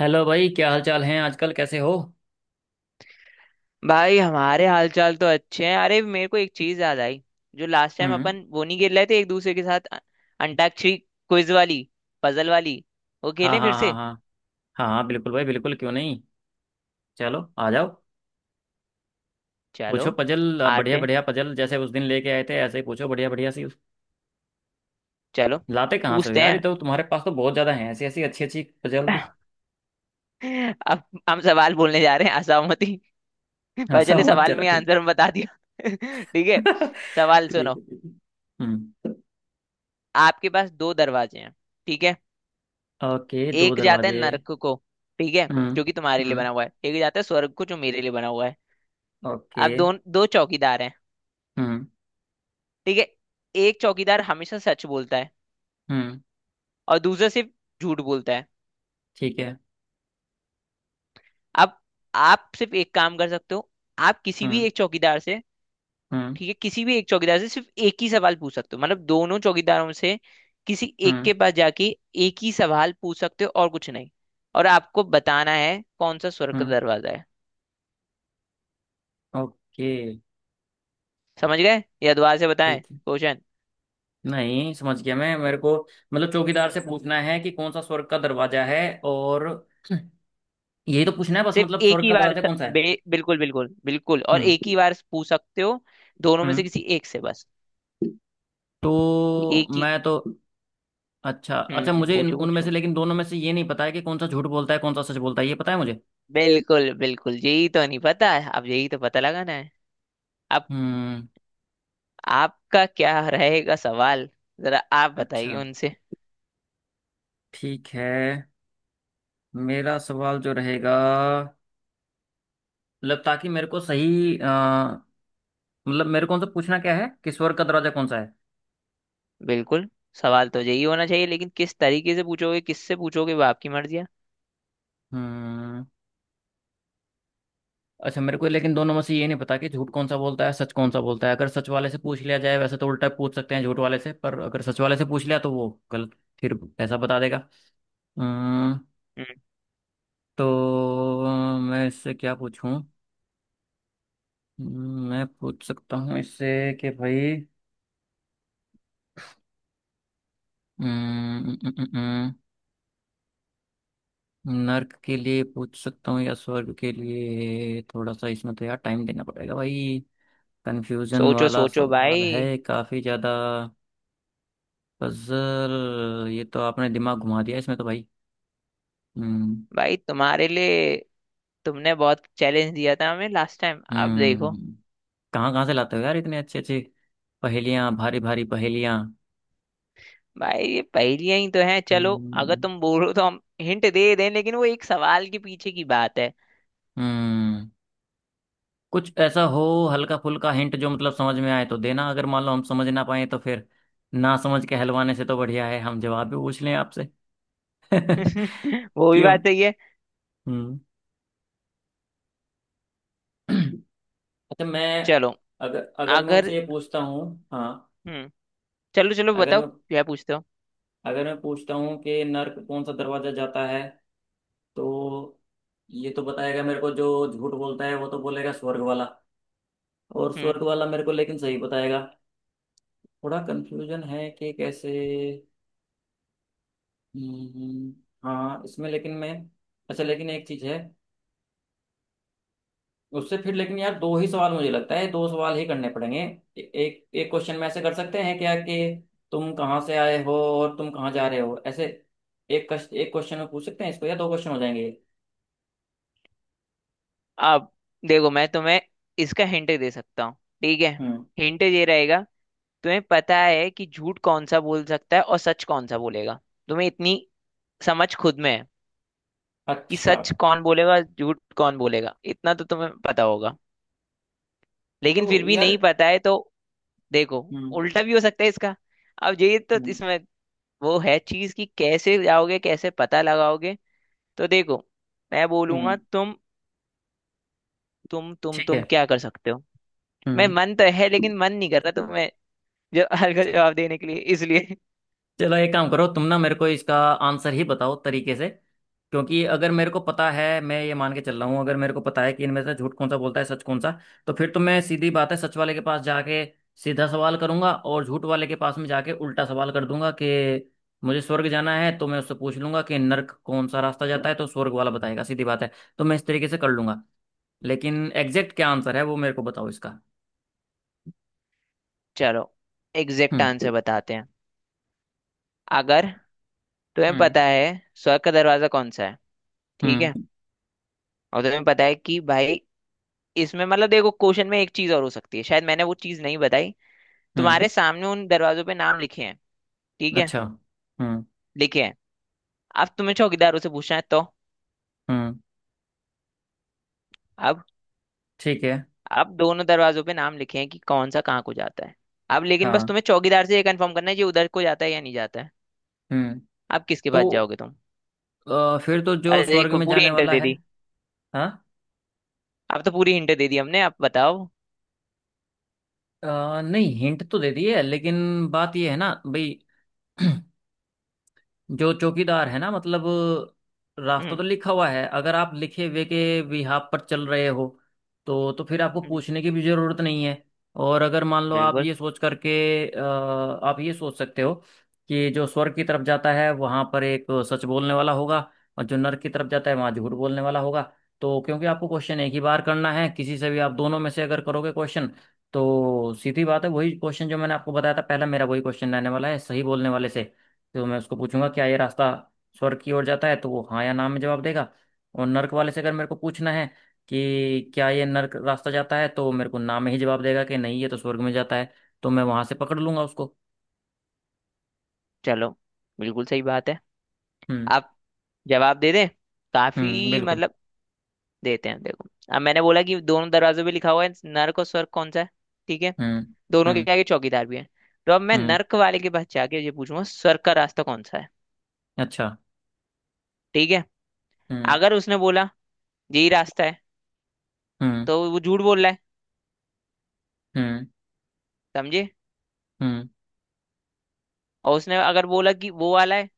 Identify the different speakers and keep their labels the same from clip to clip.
Speaker 1: Hello भाई, क्या हाल चाल हैं आजकल? कैसे हो?
Speaker 2: भाई हमारे हालचाल तो अच्छे हैं। अरे मेरे को एक चीज याद आई। जो लास्ट टाइम
Speaker 1: हम्म।
Speaker 2: अपन वो नहीं खेल रहे थे एक दूसरे के साथ अंताक्षरी क्विज वाली, पजल वाली, वो
Speaker 1: हाँ,
Speaker 2: खेलें फिर
Speaker 1: हाँ, हाँ,
Speaker 2: से।
Speaker 1: हाँ। हाँ, हाँ, बिल्कुल भाई, बिल्कुल, क्यों नहीं। चलो, आ जाओ।
Speaker 2: चलो
Speaker 1: पूछो पजल, आप
Speaker 2: आते
Speaker 1: बढ़िया
Speaker 2: हैं,
Speaker 1: बढ़िया पजल जैसे उस दिन लेके आए थे ऐसे ही पूछो, बढ़िया बढ़िया सी।
Speaker 2: चलो
Speaker 1: लाते कहाँ से हो
Speaker 2: पूछते
Speaker 1: यार, ये
Speaker 2: हैं।
Speaker 1: तो तुम्हारे पास तो बहुत ज्यादा हैं ऐसी ऐसी अच्छी अच्छी पजल भी।
Speaker 2: अब हम सवाल बोलने जा रहे हैं। असहमति
Speaker 1: हाँ,
Speaker 2: पर चले
Speaker 1: सब मत,
Speaker 2: सवाल
Speaker 1: चलो
Speaker 2: में
Speaker 1: ठीक।
Speaker 2: आंसर हम बता दिया। ठीक है, सवाल
Speaker 1: ठीक
Speaker 2: सुनो।
Speaker 1: है, ठीक है। हम्म।
Speaker 2: आपके पास दो दरवाजे हैं, ठीक है।
Speaker 1: ओके, दो
Speaker 2: एक जाता है
Speaker 1: दरवाजे।
Speaker 2: नरक को, ठीक है,
Speaker 1: हम्म।
Speaker 2: जो कि तुम्हारे लिए
Speaker 1: हम्म।
Speaker 2: बना हुआ है। एक जाता है स्वर्ग को, जो मेरे लिए बना हुआ है।
Speaker 1: ओके।
Speaker 2: अब दो, दो चौकीदार हैं,
Speaker 1: हम्म।
Speaker 2: ठीक है। एक चौकीदार हमेशा सच बोलता है
Speaker 1: हम्म।
Speaker 2: और दूसरा सिर्फ झूठ बोलता है।
Speaker 1: ठीक है।
Speaker 2: अब आप सिर्फ एक काम कर सकते हो। आप किसी भी
Speaker 1: हम्म।
Speaker 2: एक चौकीदार से,
Speaker 1: हम्म।
Speaker 2: ठीक है, किसी भी एक चौकीदार से सिर्फ एक ही सवाल पूछ सकते हो। मतलब दोनों चौकीदारों से किसी एक
Speaker 1: हम्म।
Speaker 2: के पास जाके एक ही सवाल पूछ सकते हो और कुछ नहीं। और आपको बताना है कौन सा स्वर्ग का
Speaker 1: हम्म।
Speaker 2: दरवाजा है।
Speaker 1: ओके।
Speaker 2: समझ गए या दोबारा से बताएं
Speaker 1: ठीक है।
Speaker 2: क्वेश्चन।
Speaker 1: नहीं, समझ गया मैं, मेरे को। मतलब चौकीदार से पूछना है कि कौन सा स्वर्ग का दरवाजा है। और, यही तो पूछना है बस,
Speaker 2: सिर्फ
Speaker 1: मतलब
Speaker 2: एक
Speaker 1: स्वर्ग
Speaker 2: ही
Speaker 1: का
Speaker 2: बार
Speaker 1: दरवाजा कौन सा है।
Speaker 2: बिल्कुल बिल्कुल बिल्कुल, और एक ही
Speaker 1: हम्म।
Speaker 2: बार पूछ सकते हो, दोनों में से
Speaker 1: हम्म।
Speaker 2: किसी एक से बस,
Speaker 1: तो
Speaker 2: एक ही।
Speaker 1: मैं तो। अच्छा, अच्छा, मुझे
Speaker 2: पूछो
Speaker 1: उनमें से,
Speaker 2: पूछो।
Speaker 1: लेकिन दोनों में से ये नहीं पता है कि कौन सा झूठ बोलता है कौन सा सच बोलता है, ये पता है मुझे।
Speaker 2: बिल्कुल बिल्कुल, यही तो नहीं पता है, अब यही तो पता लगाना है। अब
Speaker 1: हम्म।
Speaker 2: आपका क्या रहेगा सवाल, जरा आप
Speaker 1: अच्छा।
Speaker 2: बताइए उनसे।
Speaker 1: ठीक है। मेरा सवाल जो रहेगा, मतलब ताकि मेरे को सही मतलब मेरे को उनसे पूछना क्या है कि स्वर्ग का दरवाजा कौन सा है।
Speaker 2: बिल्कुल, सवाल तो यही होना चाहिए, लेकिन किस तरीके से पूछोगे, किससे पूछोगे, वो आपकी मर्जी है।
Speaker 1: हम्म। अच्छा, मेरे को लेकिन दोनों में से ये नहीं पता कि झूठ कौन सा बोलता है, सच कौन सा बोलता है। अगर सच वाले से पूछ लिया जाए वैसे तो, उल्टा पूछ सकते हैं झूठ वाले से, पर अगर सच वाले से पूछ लिया तो वो गलत, फिर ऐसा बता देगा। अम्म,
Speaker 2: हम्म,
Speaker 1: तो मैं इससे क्या पूछूं? मैं पूछ सकता हूँ इससे कि भाई, अम्म, अम्म, अम्म, अम्म, नर्क के लिए पूछ सकता हूँ या स्वर्ग के लिए, थोड़ा सा इसमें तो यार टाइम देना पड़ेगा भाई। कंफ्यूजन
Speaker 2: सोचो
Speaker 1: वाला
Speaker 2: सोचो
Speaker 1: सवाल
Speaker 2: भाई।
Speaker 1: है काफी ज्यादा। पजल ये तो आपने दिमाग घुमा दिया इसमें तो भाई। हम्म।
Speaker 2: भाई तुम्हारे लिए, तुमने बहुत चैलेंज दिया था हमें लास्ट टाइम, अब देखो।
Speaker 1: हम्म। कहाँ कहाँ से लाते हो यार इतने अच्छे अच्छे पहेलियाँ, भारी भारी पहेलियाँ।
Speaker 2: भाई ये पहेलियां ही तो हैं। चलो, अगर
Speaker 1: हम्म।
Speaker 2: तुम बोलो तो हम हिंट दे दें, लेकिन वो एक सवाल के पीछे की बात है।
Speaker 1: हम्म। कुछ ऐसा हो हल्का फुल्का हिंट, जो मतलब समझ में आए तो देना, अगर मान लो हम समझ ना पाए तो फिर, ना समझ के हलवाने से तो बढ़िया है हम जवाब भी पूछ लें आपसे। क्यों?
Speaker 2: वो भी बात सही है।
Speaker 1: हम्म। अच्छा मैं,
Speaker 2: चलो,
Speaker 1: अगर अगर मैं उनसे
Speaker 2: अगर,
Speaker 1: ये पूछता हूँ, हाँ,
Speaker 2: हम्म, चलो चलो
Speaker 1: अगर
Speaker 2: बताओ
Speaker 1: मैं
Speaker 2: क्या पूछते हो।
Speaker 1: अगर मैं पूछता हूँ कि नर्क कौन सा दरवाजा जाता है, तो ये तो बताएगा मेरे को, जो झूठ बोलता है वो तो बोलेगा स्वर्ग वाला, और
Speaker 2: हम्म,
Speaker 1: स्वर्ग वाला मेरे को लेकिन सही बताएगा। थोड़ा कंफ्यूजन है कि कैसे। हम्म। हाँ इसमें, लेकिन मैं, अच्छा लेकिन एक चीज है, उससे फिर लेकिन यार दो ही सवाल मुझे लगता है, दो सवाल ही करने पड़ेंगे, एक एक क्वेश्चन में ऐसे कर सकते हैं क्या कि, तुम कहाँ से आए हो और तुम कहाँ जा रहे हो, ऐसे। एक क्वेश्चन में पूछ सकते हैं इसको, या दो क्वेश्चन हो जाएंगे।
Speaker 2: अब देखो, मैं तुम्हें इसका हिंट दे सकता हूँ, ठीक है।
Speaker 1: ये?
Speaker 2: हिंट ये रहेगा, तुम्हें पता है कि झूठ कौन सा बोल सकता है और सच कौन सा बोलेगा। तुम्हें इतनी समझ खुद में है कि
Speaker 1: अच्छा,
Speaker 2: सच कौन बोलेगा, झूठ कौन बोलेगा, इतना तो तुम्हें पता होगा।
Speaker 1: तो
Speaker 2: लेकिन फिर भी
Speaker 1: यार,
Speaker 2: नहीं पता है तो देखो,
Speaker 1: हम्म।
Speaker 2: उल्टा भी हो सकता है इसका। अब ये तो
Speaker 1: हम्म।
Speaker 2: इसमें वो है चीज कि कैसे जाओगे, कैसे पता लगाओगे। तो देखो, मैं बोलूंगा
Speaker 1: हम्म।
Speaker 2: तुम, तुम तुम
Speaker 1: ठीक है।
Speaker 2: तुम क्या कर सकते हो। मैं
Speaker 1: हम्म।
Speaker 2: मन तो है लेकिन मन नहीं कर रहा तो मैं जो हल्का जवाब देने के लिए इसलिए।
Speaker 1: चलो एक काम करो तुम, ना मेरे को इसका आंसर ही बताओ तरीके से। क्योंकि अगर मेरे को पता है, मैं ये मान के चल रहा हूँ, अगर मेरे को पता है कि इनमें से झूठ कौन सा बोलता है सच कौन सा, तो फिर तो मैं, सीधी बात है, सच वाले के पास जाके सीधा सवाल करूंगा, और झूठ वाले के पास में जाके उल्टा सवाल कर दूंगा कि, मुझे स्वर्ग जाना है तो मैं उससे पूछ लूंगा कि नर्क कौन सा रास्ता जाता है, तो स्वर्ग वाला बताएगा, सीधी बात है। तो मैं इस तरीके से कर लूंगा। लेकिन एग्जैक्ट क्या आंसर है वो मेरे को बताओ इसका।
Speaker 2: चलो, एग्जैक्ट
Speaker 1: हम्म।
Speaker 2: आंसर बताते हैं। अगर तुम्हें
Speaker 1: हम्म।
Speaker 2: पता है स्वर्ग का दरवाजा कौन सा है, ठीक है,
Speaker 1: हम्म।
Speaker 2: और तुम्हें पता है कि भाई, इसमें मतलब देखो क्वेश्चन में एक चीज और हो सकती है, शायद मैंने वो चीज नहीं बताई।
Speaker 1: हम्म।
Speaker 2: तुम्हारे सामने उन दरवाजों पे नाम लिखे हैं, ठीक है,
Speaker 1: अच्छा। हम्म।
Speaker 2: लिखे हैं। अब तुम्हें चौकीदारों से पूछना है तो,
Speaker 1: हम्म।
Speaker 2: अब
Speaker 1: ठीक है।
Speaker 2: अब दोनों दरवाजों पे नाम लिखे हैं कि कौन सा कहाँ को जाता है। अब लेकिन बस
Speaker 1: हाँ।
Speaker 2: तुम्हें चौकीदार से ये कंफर्म करना है, ये उधर को जाता है या नहीं जाता है।
Speaker 1: हम्म।
Speaker 2: अब किसके
Speaker 1: तो
Speaker 2: पास जाओगे तुम।
Speaker 1: फिर तो जो
Speaker 2: अरे
Speaker 1: स्वर्ग
Speaker 2: देखो
Speaker 1: में
Speaker 2: पूरी
Speaker 1: जाने
Speaker 2: हिंट
Speaker 1: वाला
Speaker 2: दे
Speaker 1: है,
Speaker 2: दी।
Speaker 1: हाँ,
Speaker 2: अब तो पूरी हिंट दे दी हमने, आप बताओ।
Speaker 1: नहीं, हिंट तो दे दी है लेकिन बात यह है ना भाई। जो चौकीदार है ना, मतलब रास्ता
Speaker 2: हम्म,
Speaker 1: तो लिखा हुआ है, अगर आप लिखे हुए के बिहाफ पर चल रहे हो, तो फिर आपको
Speaker 2: हम्म,
Speaker 1: पूछने की भी जरूरत नहीं है। और अगर मान लो आप
Speaker 2: बिल्कुल।
Speaker 1: ये सोच करके, अ, आप ये सोच सकते हो कि जो स्वर्ग की तरफ जाता है वहां पर एक सच बोलने वाला होगा, और जो नर्क की तरफ जाता है वहां झूठ बोलने वाला होगा। तो क्योंकि आपको क्वेश्चन एक ही बार करना है किसी से भी, आप दोनों में से अगर करोगे क्वेश्चन, तो सीधी बात है, वही क्वेश्चन जो मैंने आपको बताया था पहला मेरा, वही क्वेश्चन रहने वाला है सही बोलने वाले से। तो मैं उसको पूछूंगा क्या ये रास्ता स्वर्ग की ओर जाता है, तो वो हाँ या ना में जवाब देगा। और नर्क वाले से अगर मेरे को पूछना है कि क्या ये नर्क रास्ता जाता है, तो वो मेरे को ना में ही जवाब देगा कि नहीं ये तो स्वर्ग में जाता है। तो मैं वहां से पकड़ लूंगा उसको।
Speaker 2: चलो, बिल्कुल सही बात है।
Speaker 1: हम्म।
Speaker 2: आप जवाब दे दें
Speaker 1: हम्म।
Speaker 2: काफी
Speaker 1: बिल्कुल।
Speaker 2: मतलब। देते हैं देखो। अब मैंने बोला कि दोनों दरवाजों पे लिखा हुआ है नर्क और स्वर्ग कौन सा है, ठीक है।
Speaker 1: हम्म।
Speaker 2: दोनों के
Speaker 1: हम्म।
Speaker 2: आगे चौकीदार भी है। तो अब मैं
Speaker 1: हम्म।
Speaker 2: नर्क वाले के पास जाके ये पूछूंगा, स्वर्ग का रास्ता कौन सा है,
Speaker 1: अच्छा।
Speaker 2: ठीक है।
Speaker 1: हम्म।
Speaker 2: अगर उसने बोला यही रास्ता है,
Speaker 1: हम्म।
Speaker 2: तो वो झूठ बोल रहा है,
Speaker 1: हम्म।
Speaker 2: समझे।
Speaker 1: हम्म।
Speaker 2: और उसने अगर बोला कि वो वाला है,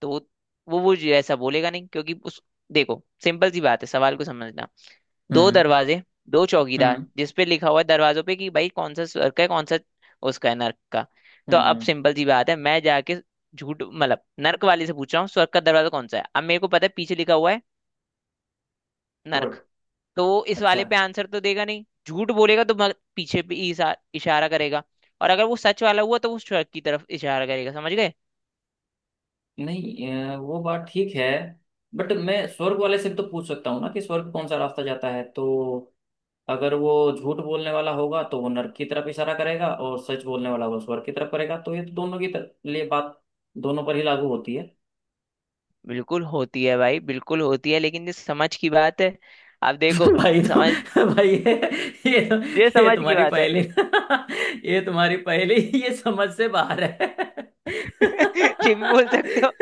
Speaker 2: तो वो जो ऐसा बोलेगा नहीं क्योंकि उस, देखो सिंपल सी बात है सवाल को समझना। दो
Speaker 1: हम्म।
Speaker 2: दरवाजे, दो
Speaker 1: हम्म।
Speaker 2: चौकीदार, जिसपे लिखा हुआ है दरवाजों पे कि भाई कौन सा स्वर्ग का है, कौन सा उसका है नर्क का।
Speaker 1: हम्म।
Speaker 2: तो अब सिंपल सी बात है, मैं जाके झूठ मतलब नर्क वाले से पूछ रहा हूँ स्वर्ग का दरवाजा कौन सा है। अब मेरे को पता है पीछे लिखा हुआ है नर्क,
Speaker 1: स्वर्ग।
Speaker 2: तो वो इस
Speaker 1: अच्छा।
Speaker 2: वाले पे आंसर तो देगा नहीं, झूठ बोलेगा, तो पीछे पे इशारा करेगा। और अगर वो सच वाला हुआ तो वो स्वर्ग की तरफ इशारा करेगा, समझ गए।
Speaker 1: नहीं, वो बात ठीक है। बट मैं स्वर्ग वाले से भी तो पूछ सकता हूँ ना कि स्वर्ग कौन सा रास्ता जाता है, तो अगर वो झूठ बोलने वाला होगा तो वो नर्क की तरफ इशारा करेगा, और सच बोलने वाला होगा स्वर्ग की तरफ करेगा। तो ये तो दोनों की लिए बात, दोनों पर ही लागू होती है।
Speaker 2: बिल्कुल होती है भाई, बिल्कुल होती है, लेकिन ये समझ की बात है। आप देखो,
Speaker 1: भाई तो,
Speaker 2: समझ,
Speaker 1: भाई ये, ये, तो,
Speaker 2: ये
Speaker 1: ये
Speaker 2: समझ की
Speaker 1: तुम्हारी
Speaker 2: बात है।
Speaker 1: पहेली, ये तुम्हारी पहेली, ये समझ से बाहर है।
Speaker 2: ये भी बोल सकते हो,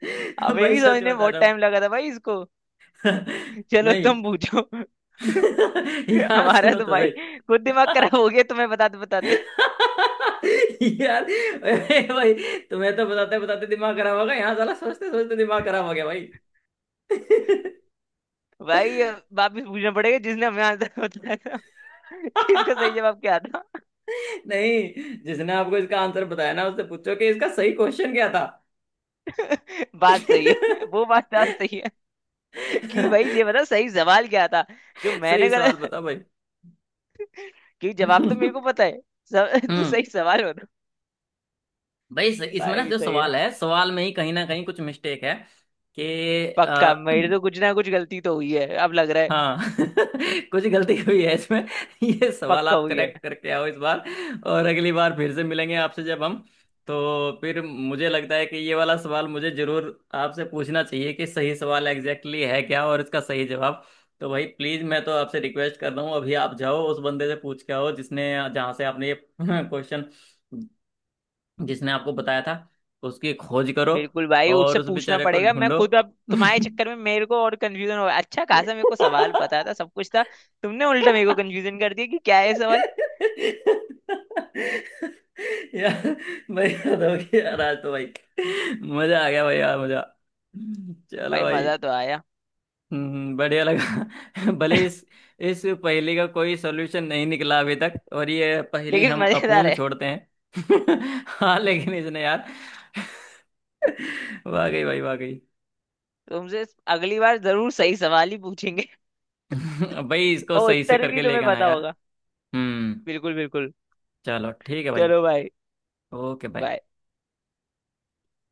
Speaker 2: हमें
Speaker 1: भाई
Speaker 2: भी
Speaker 1: सच
Speaker 2: समझने में
Speaker 1: बता
Speaker 2: बहुत
Speaker 1: रहा हूँ।
Speaker 2: टाइम लगा था भाई इसको। चलो
Speaker 1: नहीं।
Speaker 2: तुम पूछो।
Speaker 1: यार
Speaker 2: हमारा
Speaker 1: सुनो
Speaker 2: तो
Speaker 1: तो
Speaker 2: भाई
Speaker 1: सही।
Speaker 2: खुद दिमाग खराब हो गया तुम्हें बताते बताते।
Speaker 1: यार, अरे भाई, तुम्हें तो बताते बताते दिमाग खराब हो गया, यहाँ साला सोचते सोचते दिमाग खराब हो गया भाई।
Speaker 2: भाई अब वापस पूछना पड़ेगा जिसने हमें आंसर बताया था कि इसका सही जवाब क्या था।
Speaker 1: नहीं, जिसने आपको इसका आंसर बताया ना उससे पूछो कि इसका सही क्वेश्चन क्या था।
Speaker 2: बात सही है, वो बात बात सही है कि भाई ये बता सही सवाल क्या था, जो
Speaker 1: सही
Speaker 2: मैंने
Speaker 1: सवाल
Speaker 2: गलत,
Speaker 1: बता भाई।
Speaker 2: क्योंकि जवाब तो
Speaker 1: हम्म।
Speaker 2: मेरे को पता है सब। तू सही सवाल बता।
Speaker 1: भाई इसमें ना
Speaker 2: भाई
Speaker 1: जो
Speaker 2: सही है,
Speaker 1: सवाल है, सवाल में ही कहीं ना कहीं कुछ मिस्टेक है कि,
Speaker 2: पक्का मेरे तो कुछ ना कुछ गलती तो हुई है, अब लग रहा है
Speaker 1: हाँ। कुछ गलती हुई है इसमें। ये सवाल
Speaker 2: पक्का
Speaker 1: आप
Speaker 2: हुई है।
Speaker 1: करेक्ट करके आओ इस बार, और अगली बार फिर से मिलेंगे आपसे जब हम, तो फिर मुझे लगता है कि ये वाला सवाल मुझे जरूर आपसे पूछना चाहिए कि सही सवाल एग्जैक्टली है क्या, और इसका सही जवाब। तो भाई प्लीज, मैं तो आपसे रिक्वेस्ट कर रहा हूँ अभी, आप जाओ उस बंदे से पूछ के आओ जिसने, जहाँ से आपने ये क्वेश्चन, जिसने आपको बताया था, उसकी खोज करो,
Speaker 2: बिल्कुल भाई,
Speaker 1: और
Speaker 2: उससे
Speaker 1: उस
Speaker 2: पूछना
Speaker 1: बेचारे को
Speaker 2: पड़ेगा। मैं
Speaker 1: ढूंढो।
Speaker 2: खुद अब तुम्हारे चक्कर में मेरे को और कंफ्यूजन हो, अच्छा खासा मेरे को सवाल पता था, सब कुछ था। तुमने उल्टा मेरे को कंफ्यूजन कर दिया कि क्या है सवाल।
Speaker 1: यार भाई, याद हो गया यार आज तो भाई, मजा आ गया भाई, यार मजा। चलो
Speaker 2: भाई
Speaker 1: भाई।
Speaker 2: मजा तो आया।
Speaker 1: हम्म, बढ़िया लगा। भले इस पहेली का कोई सॉल्यूशन नहीं निकला अभी तक, और ये पहेली
Speaker 2: लेकिन
Speaker 1: हम
Speaker 2: मजेदार
Speaker 1: अपूर्ण
Speaker 2: है।
Speaker 1: छोड़ते हैं। हाँ लेकिन इसने यार, वाकई भाई, वाकई।
Speaker 2: तुमसे अगली बार जरूर सही सवाल ही पूछेंगे।
Speaker 1: भाई इसको
Speaker 2: और
Speaker 1: सही से
Speaker 2: उत्तर भी
Speaker 1: करके
Speaker 2: तुम्हें
Speaker 1: लेकर आना
Speaker 2: पता
Speaker 1: यार।
Speaker 2: होगा।
Speaker 1: हम्म।
Speaker 2: बिल्कुल बिल्कुल।
Speaker 1: चलो, ठीक है भाई।
Speaker 2: चलो भाई,
Speaker 1: ओके भाई।
Speaker 2: bye।